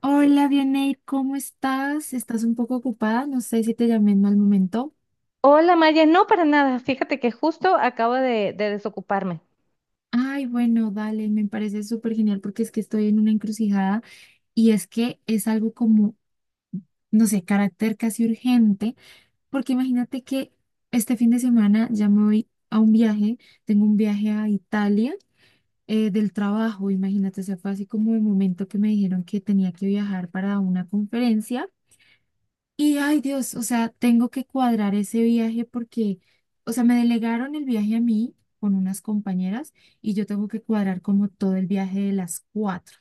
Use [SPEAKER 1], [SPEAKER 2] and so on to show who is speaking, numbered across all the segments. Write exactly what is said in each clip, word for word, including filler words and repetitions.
[SPEAKER 1] Hola, Vianey, ¿cómo estás? ¿Estás un poco ocupada? No sé si te llamé en mal momento.
[SPEAKER 2] Hola Maya, no para nada. Fíjate que justo acabo de, de desocuparme.
[SPEAKER 1] Ay, bueno, dale, me parece súper genial porque es que estoy en una encrucijada y es que es algo como, no sé, carácter casi urgente, porque imagínate que este fin de semana ya me voy a un viaje, tengo un viaje a Italia eh, del trabajo. Imagínate, o sea, fue así como el momento que me dijeron que tenía que viajar para una conferencia. Y ay Dios, o sea, tengo que cuadrar ese viaje porque, o sea, me delegaron el viaje a mí con unas compañeras y yo tengo que cuadrar como todo el viaje de las cuatro.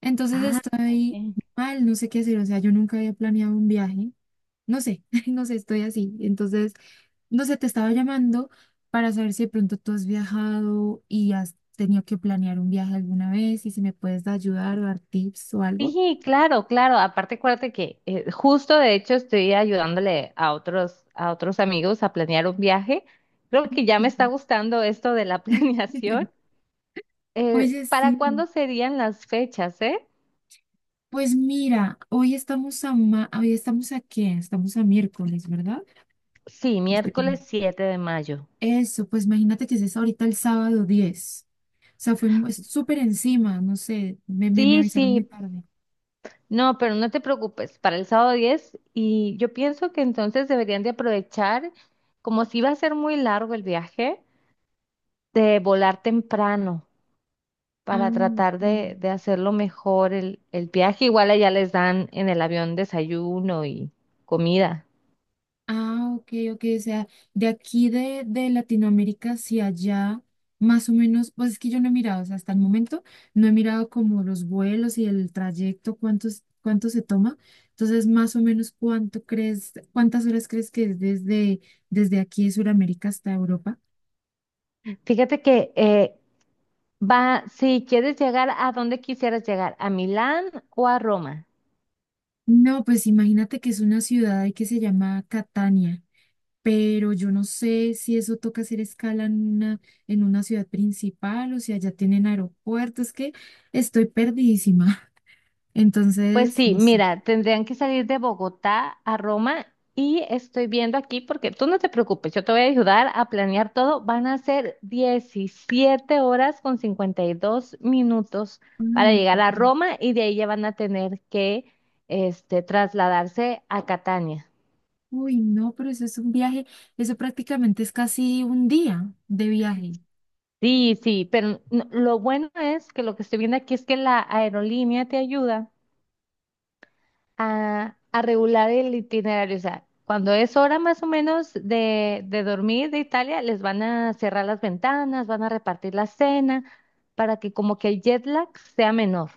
[SPEAKER 1] Entonces
[SPEAKER 2] Ah, ok.
[SPEAKER 1] estoy mal, no sé qué hacer, o sea, yo nunca había planeado un viaje, no sé, no sé, estoy así. Entonces, no sé, te estaba llamando para saber si de pronto tú has viajado y has tenido que planear un viaje alguna vez y si me puedes ayudar o dar tips o algo.
[SPEAKER 2] Sí, claro, claro. Aparte, acuérdate que eh, justo de hecho estoy ayudándole a otros, a otros amigos a planear un viaje. Creo que ya me está gustando esto de la planeación. Eh,
[SPEAKER 1] Oye,
[SPEAKER 2] ¿para
[SPEAKER 1] sí.
[SPEAKER 2] cuándo serían las fechas, eh?
[SPEAKER 1] Pues mira, hoy estamos a ma- hoy estamos a qué? Estamos a miércoles, ¿verdad?
[SPEAKER 2] Sí,
[SPEAKER 1] Este, como-
[SPEAKER 2] miércoles siete de mayo.
[SPEAKER 1] eso, pues imagínate que es ahorita el sábado diez. O sea, fue mu- es súper encima, no sé, me, me, me
[SPEAKER 2] Sí,
[SPEAKER 1] avisaron muy
[SPEAKER 2] sí,
[SPEAKER 1] tarde.
[SPEAKER 2] no, pero no te preocupes, para el sábado diez, y yo pienso que entonces deberían de aprovechar, como si va a ser muy largo el viaje, de volar temprano
[SPEAKER 1] Ah,
[SPEAKER 2] para tratar
[SPEAKER 1] ok.
[SPEAKER 2] de, de hacerlo mejor el, el viaje. Igual allá les dan en el avión desayuno y comida.
[SPEAKER 1] Ah, ok, ok, o sea, de aquí de, de Latinoamérica hacia allá, más o menos, pues es que yo no he mirado, o sea, hasta el momento no he mirado como los vuelos y el trayecto, cuántos, cuánto se toma. Entonces, más o menos, ¿cuánto crees, cuántas horas crees que es desde, desde aquí de Sudamérica hasta Europa?
[SPEAKER 2] Fíjate que eh, va, si quieres llegar a donde quisieras llegar, a Milán o a Roma.
[SPEAKER 1] No, pues imagínate que es una ciudad ahí que se llama Catania. Pero yo no sé si eso toca hacer escala en una, en una ciudad principal o si allá tienen aeropuertos, es que estoy perdidísima.
[SPEAKER 2] Pues
[SPEAKER 1] Entonces,
[SPEAKER 2] sí,
[SPEAKER 1] no sé.
[SPEAKER 2] mira, tendrían que salir de Bogotá a Roma, y estoy viendo aquí porque tú no te preocupes, yo te voy a ayudar a planear todo. Van a ser diecisiete horas con cincuenta y dos minutos
[SPEAKER 1] Ay,
[SPEAKER 2] para
[SPEAKER 1] no
[SPEAKER 2] llegar
[SPEAKER 1] puedo
[SPEAKER 2] a
[SPEAKER 1] creer.
[SPEAKER 2] Roma, y de ahí ya van a tener que este, trasladarse a Catania.
[SPEAKER 1] Uy, no, pero eso es un viaje, eso prácticamente es casi un día de viaje.
[SPEAKER 2] Sí, sí, pero no- lo bueno es que lo que estoy viendo aquí es que la aerolínea te ayuda a, a regular el itinerario. O sea, cuando es hora más o menos de, de dormir de Italia, les van a cerrar las ventanas, van a repartir la cena para que como que el jet lag sea menor.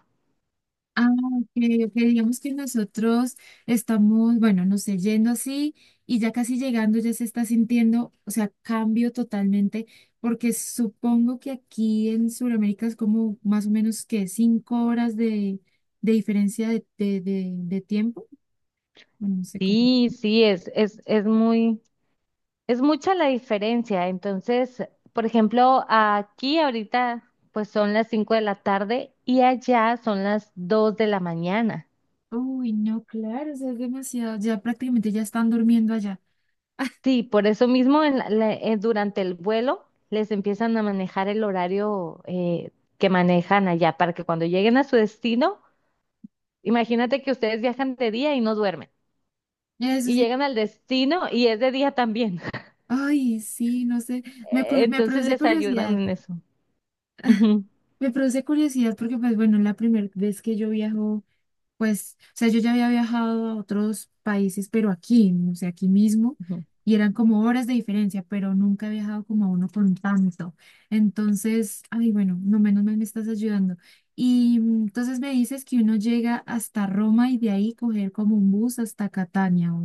[SPEAKER 1] Ah, ok, ok. Digamos que nosotros estamos, bueno, no sé, yendo así y ya casi llegando ya se está sintiendo, o sea, cambio totalmente, porque supongo que aquí en Sudamérica es como más o menos que cinco horas de, de diferencia de, de, de, de tiempo. Bueno, no sé cómo.
[SPEAKER 2] Sí, sí, es, es, es muy, es mucha la diferencia. Entonces, por ejemplo, aquí ahorita pues son las cinco de la tarde y allá son las dos de la mañana.
[SPEAKER 1] Uy, no, claro, o sea, es demasiado. Ya prácticamente ya están durmiendo allá.
[SPEAKER 2] Sí, por eso mismo en la- la- eh, durante el vuelo les empiezan a manejar el horario, eh, que manejan allá para que cuando lleguen a su destino, imagínate que ustedes viajan de día y no duermen
[SPEAKER 1] Eso
[SPEAKER 2] y
[SPEAKER 1] sí.
[SPEAKER 2] llegan al destino y es de día también.
[SPEAKER 1] Ay, sí, no sé. Me,
[SPEAKER 2] Eh,
[SPEAKER 1] curi- me
[SPEAKER 2] Entonces
[SPEAKER 1] produce
[SPEAKER 2] les ayudan
[SPEAKER 1] curiosidad.
[SPEAKER 2] en eso. Ujú,
[SPEAKER 1] Me produce curiosidad porque, pues bueno, la primera vez que yo viajo, pues, o sea, yo ya había viajado a otros países, pero aquí, ¿no? O sea, aquí mismo,
[SPEAKER 2] ujú.
[SPEAKER 1] y eran como horas de diferencia, pero nunca he viajado como a uno con tanto. Entonces, ay, bueno, no menos mal me estás ayudando. Y mm, entonces me dices que uno llega hasta Roma y de ahí coger como un bus hasta Catania. O,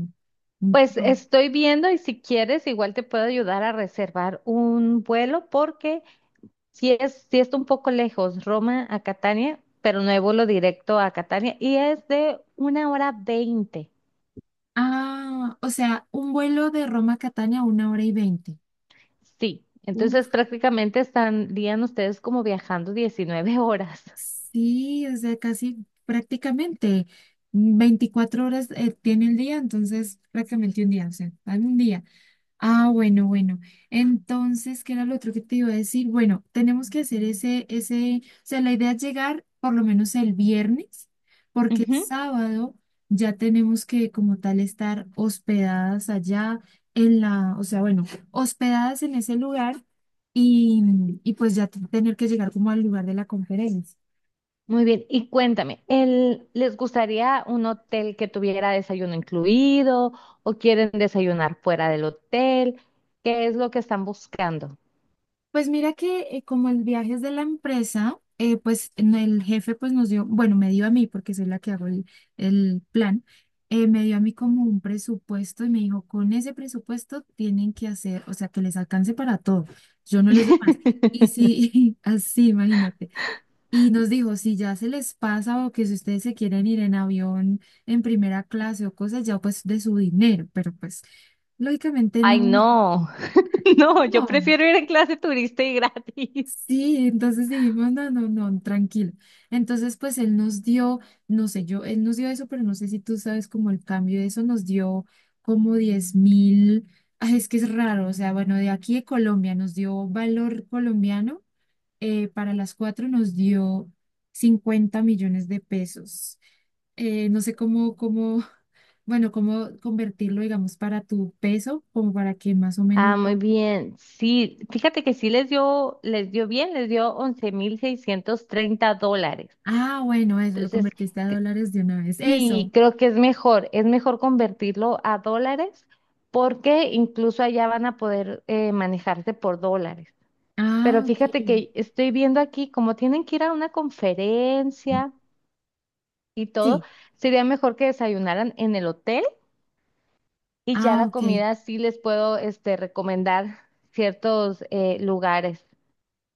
[SPEAKER 1] un-
[SPEAKER 2] Pues
[SPEAKER 1] o-
[SPEAKER 2] estoy viendo, y si quieres igual te puedo ayudar a reservar un vuelo porque sí es, sí está un poco lejos, Roma a Catania, pero no hay vuelo directo a Catania y es de una hora veinte.
[SPEAKER 1] ah, o sea, un vuelo de Roma a Catania, una hora y veinte.
[SPEAKER 2] Sí, entonces prácticamente estarían ustedes como viajando diecinueve horas.
[SPEAKER 1] Sí, o sea, casi prácticamente veinticuatro horas eh, tiene el día, entonces prácticamente un día, o sea, dame un día. Ah, bueno, bueno. Entonces, ¿qué era lo otro que te iba a decir? Bueno, tenemos que hacer ese, ese, o sea, la idea es llegar por lo menos el viernes, porque el
[SPEAKER 2] Ujú.
[SPEAKER 1] sábado ya tenemos que como tal estar hospedadas allá en la, o sea, bueno, hospedadas en ese lugar y, y pues ya tener que llegar como al lugar de la conferencia.
[SPEAKER 2] Muy bien, y cuéntame, ¿el- ¿les gustaría un hotel que tuviera desayuno incluido o quieren desayunar fuera del hotel? ¿Qué es lo que están buscando?
[SPEAKER 1] Pues mira que eh, como el viaje es de la empresa, eh, pues en el jefe pues nos dio, bueno, me dio a mí, porque soy la que hago el, el plan, eh, me dio a mí como un presupuesto y me dijo, con ese presupuesto tienen que hacer, o sea, que les alcance para todo. Yo no les doy más. Y sí, así, imagínate. Y nos dijo, si ya se les pasa o que si ustedes se quieren ir en avión en primera clase o cosas, ya pues de su dinero, pero pues lógicamente
[SPEAKER 2] Ay,
[SPEAKER 1] no,
[SPEAKER 2] no, no, yo
[SPEAKER 1] no.
[SPEAKER 2] prefiero ir en clase turista y gratis.
[SPEAKER 1] Sí, entonces dijimos, no, no, no, tranquilo. Entonces, pues él nos dio, no sé, yo, él nos dio eso, pero no sé si tú sabes como el cambio de eso, nos dio como diez mil, ay, es que es raro, o sea, bueno, de aquí de Colombia nos dio valor colombiano, eh, para las cuatro nos dio cincuenta millones de pesos. Eh, no sé cómo, cómo, bueno, cómo convertirlo, digamos, para tu peso, como para que más o menos
[SPEAKER 2] Ah, muy
[SPEAKER 1] lo...
[SPEAKER 2] bien. Sí, fíjate que sí les dio, les dio bien, les dio once mil seiscientos treinta dólares.
[SPEAKER 1] Ah, bueno, eso, lo
[SPEAKER 2] Entonces,
[SPEAKER 1] convertiste a
[SPEAKER 2] c-
[SPEAKER 1] dólares de una vez.
[SPEAKER 2] sí,
[SPEAKER 1] Eso.
[SPEAKER 2] creo que es mejor, es mejor convertirlo a dólares porque incluso allá van a poder eh, manejarse por dólares. Pero
[SPEAKER 1] Ah,
[SPEAKER 2] fíjate
[SPEAKER 1] ok.
[SPEAKER 2] que estoy viendo aquí, como tienen que ir a una conferencia y todo,
[SPEAKER 1] Sí.
[SPEAKER 2] sería mejor que desayunaran en el hotel y ya
[SPEAKER 1] Ah,
[SPEAKER 2] la
[SPEAKER 1] ok.
[SPEAKER 2] comida sí les puedo este, recomendar ciertos eh, lugares.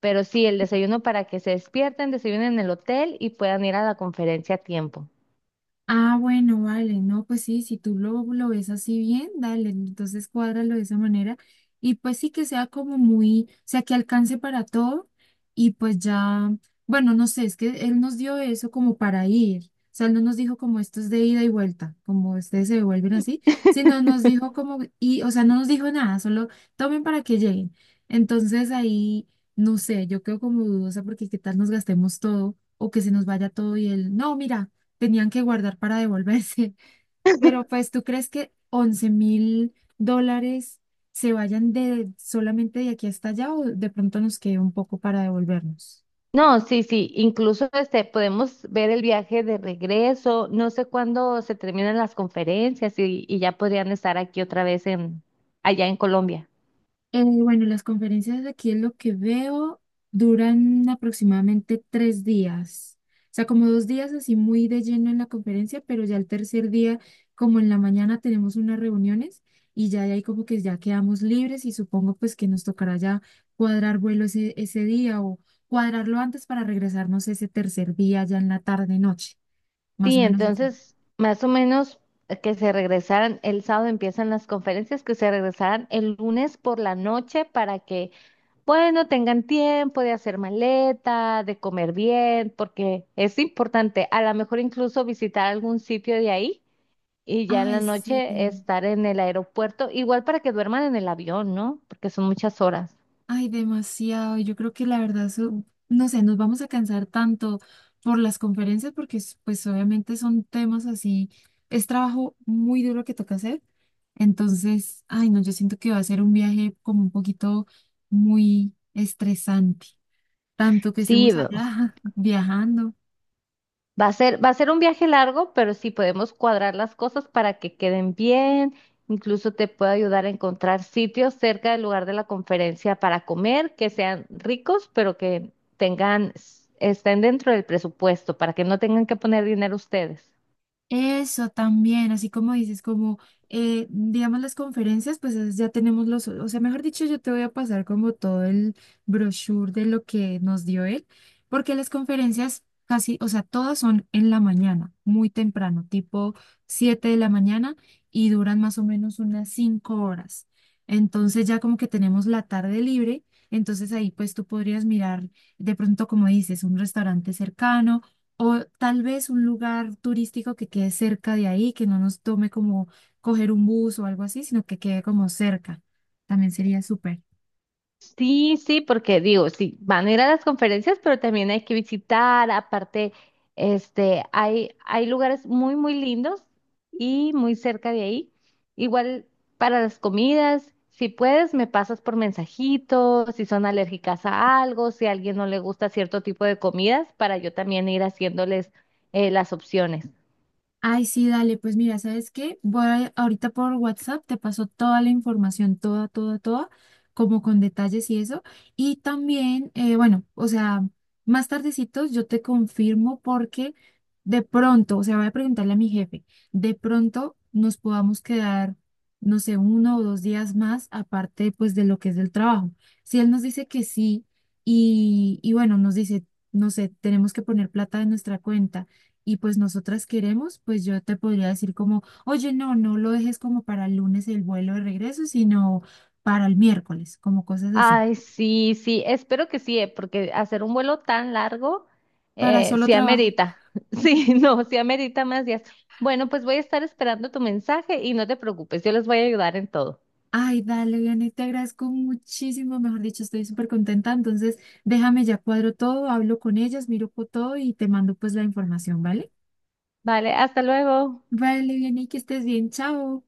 [SPEAKER 2] Pero sí, el desayuno para que se despierten, desayunen en el hotel y puedan ir a la conferencia a tiempo.
[SPEAKER 1] Ah, bueno, vale, no, pues sí, si tú lo, lo ves así bien, dale, entonces cuádralo de esa manera y pues sí que sea como muy, o sea, que alcance para todo y pues ya, bueno, no sé, es que él nos dio eso como para ir, o sea, él no nos dijo como esto es de ida y vuelta, como ustedes se devuelven así, sino nos dijo como, y, o sea, no nos dijo nada, solo tomen para que lleguen. Entonces ahí, no sé, yo quedo como dudosa porque qué tal nos gastemos todo o que se nos vaya todo y él, no, mira tenían que guardar para devolverse. Pero pues, ¿tú crees que once mil dólares se vayan de solamente de aquí hasta allá o de pronto nos quede un poco para devolvernos?
[SPEAKER 2] No, sí, sí, incluso este, podemos ver el viaje de regreso, no sé cuándo se terminan las conferencias, y, y ya podrían estar aquí otra vez en, allá en Colombia.
[SPEAKER 1] Eh, bueno, las conferencias aquí es lo que veo, duran aproximadamente tres días. O sea, como dos días así muy de lleno en la conferencia, pero ya el tercer día, como en la mañana tenemos unas reuniones y ya de ahí como que ya quedamos libres y supongo pues que nos tocará ya cuadrar vuelo ese, ese día o cuadrarlo antes para regresarnos ese tercer día ya en la tarde, noche, más
[SPEAKER 2] Sí,
[SPEAKER 1] o menos así.
[SPEAKER 2] entonces, más o menos, eh, que se regresaran, el sábado empiezan las conferencias, que se regresaran el lunes por la noche para que bueno, tengan tiempo de hacer maleta, de comer bien, porque es importante, a lo mejor incluso visitar algún sitio de ahí y ya en la
[SPEAKER 1] Ay, sí.
[SPEAKER 2] noche estar en el aeropuerto, igual para que duerman en el avión, ¿no? Porque son muchas horas.
[SPEAKER 1] Ay, demasiado. Yo creo que la verdad, eso- no sé, nos vamos a cansar tanto por las conferencias porque es- pues obviamente son temas así, es trabajo muy duro que toca hacer. Entonces, ay, no, yo siento que va a ser un viaje como un poquito muy estresante, tanto que
[SPEAKER 2] Sí,
[SPEAKER 1] estemos allá viajando.
[SPEAKER 2] va a ser, va a ser un viaje largo, pero sí podemos cuadrar las cosas para que queden bien. Incluso te puedo ayudar a encontrar sitios cerca del lugar de la conferencia para comer, que sean ricos, pero que tengan, estén dentro del presupuesto, para que no tengan que poner dinero ustedes.
[SPEAKER 1] Eso también, así como dices, como eh, digamos las conferencias, pues es- ya tenemos los, o sea, mejor dicho, yo te voy a pasar como todo el brochure de lo que nos dio él, porque las conferencias casi, o sea, todas son en la mañana, muy temprano, tipo siete de la mañana y duran más o menos unas cinco horas. Entonces ya como que tenemos la tarde libre, entonces ahí pues tú podrías mirar de pronto, como dices, un restaurante cercano o tal vez un lugar turístico que quede cerca de ahí, que no nos tome como coger un bus o algo así, sino que quede como cerca. También sería súper.
[SPEAKER 2] Sí, sí, porque digo, sí, van a ir a las conferencias, pero también hay que visitar, aparte, este, hay, hay lugares muy, muy lindos y muy cerca de ahí. Igual para las comidas, si puedes, me pasas por mensajitos, si son alérgicas a algo, si a alguien no le gusta cierto tipo de comidas, para yo también ir haciéndoles eh, las opciones.
[SPEAKER 1] Ay, sí, dale, pues mira, ¿sabes qué? Voy a- ahorita por WhatsApp, te paso toda la información, toda, toda, toda, como con detalles y eso. Y también, eh, bueno, o sea, más tardecito yo te confirmo porque de pronto, o sea, voy a preguntarle a mi jefe, de pronto nos podamos quedar, no sé, uno o dos días más, aparte pues de lo que es del trabajo. Si él nos dice que sí y, y bueno, nos dice, no sé, tenemos que poner plata en nuestra cuenta y pues nosotras queremos, pues yo te podría decir como, oye, no, no lo dejes como para el lunes el vuelo de regreso, sino para el miércoles, como cosas así,
[SPEAKER 2] Ay, sí, sí, espero que sí, eh, porque hacer un vuelo tan largo,
[SPEAKER 1] para
[SPEAKER 2] eh,
[SPEAKER 1] solo
[SPEAKER 2] sí
[SPEAKER 1] trabajo.
[SPEAKER 2] amerita, sí, no, sí amerita más días. Bueno, pues voy a estar esperando tu mensaje y no te preocupes, yo les voy a ayudar en todo.
[SPEAKER 1] Ay, dale, Vianney, te agradezco muchísimo, mejor dicho, estoy súper contenta, entonces déjame ya cuadro todo, hablo con ellas, miro co- todo y te mando pues la información, ¿vale?
[SPEAKER 2] Vale, hasta luego.
[SPEAKER 1] Vale, Vianney, que estés bien, chao.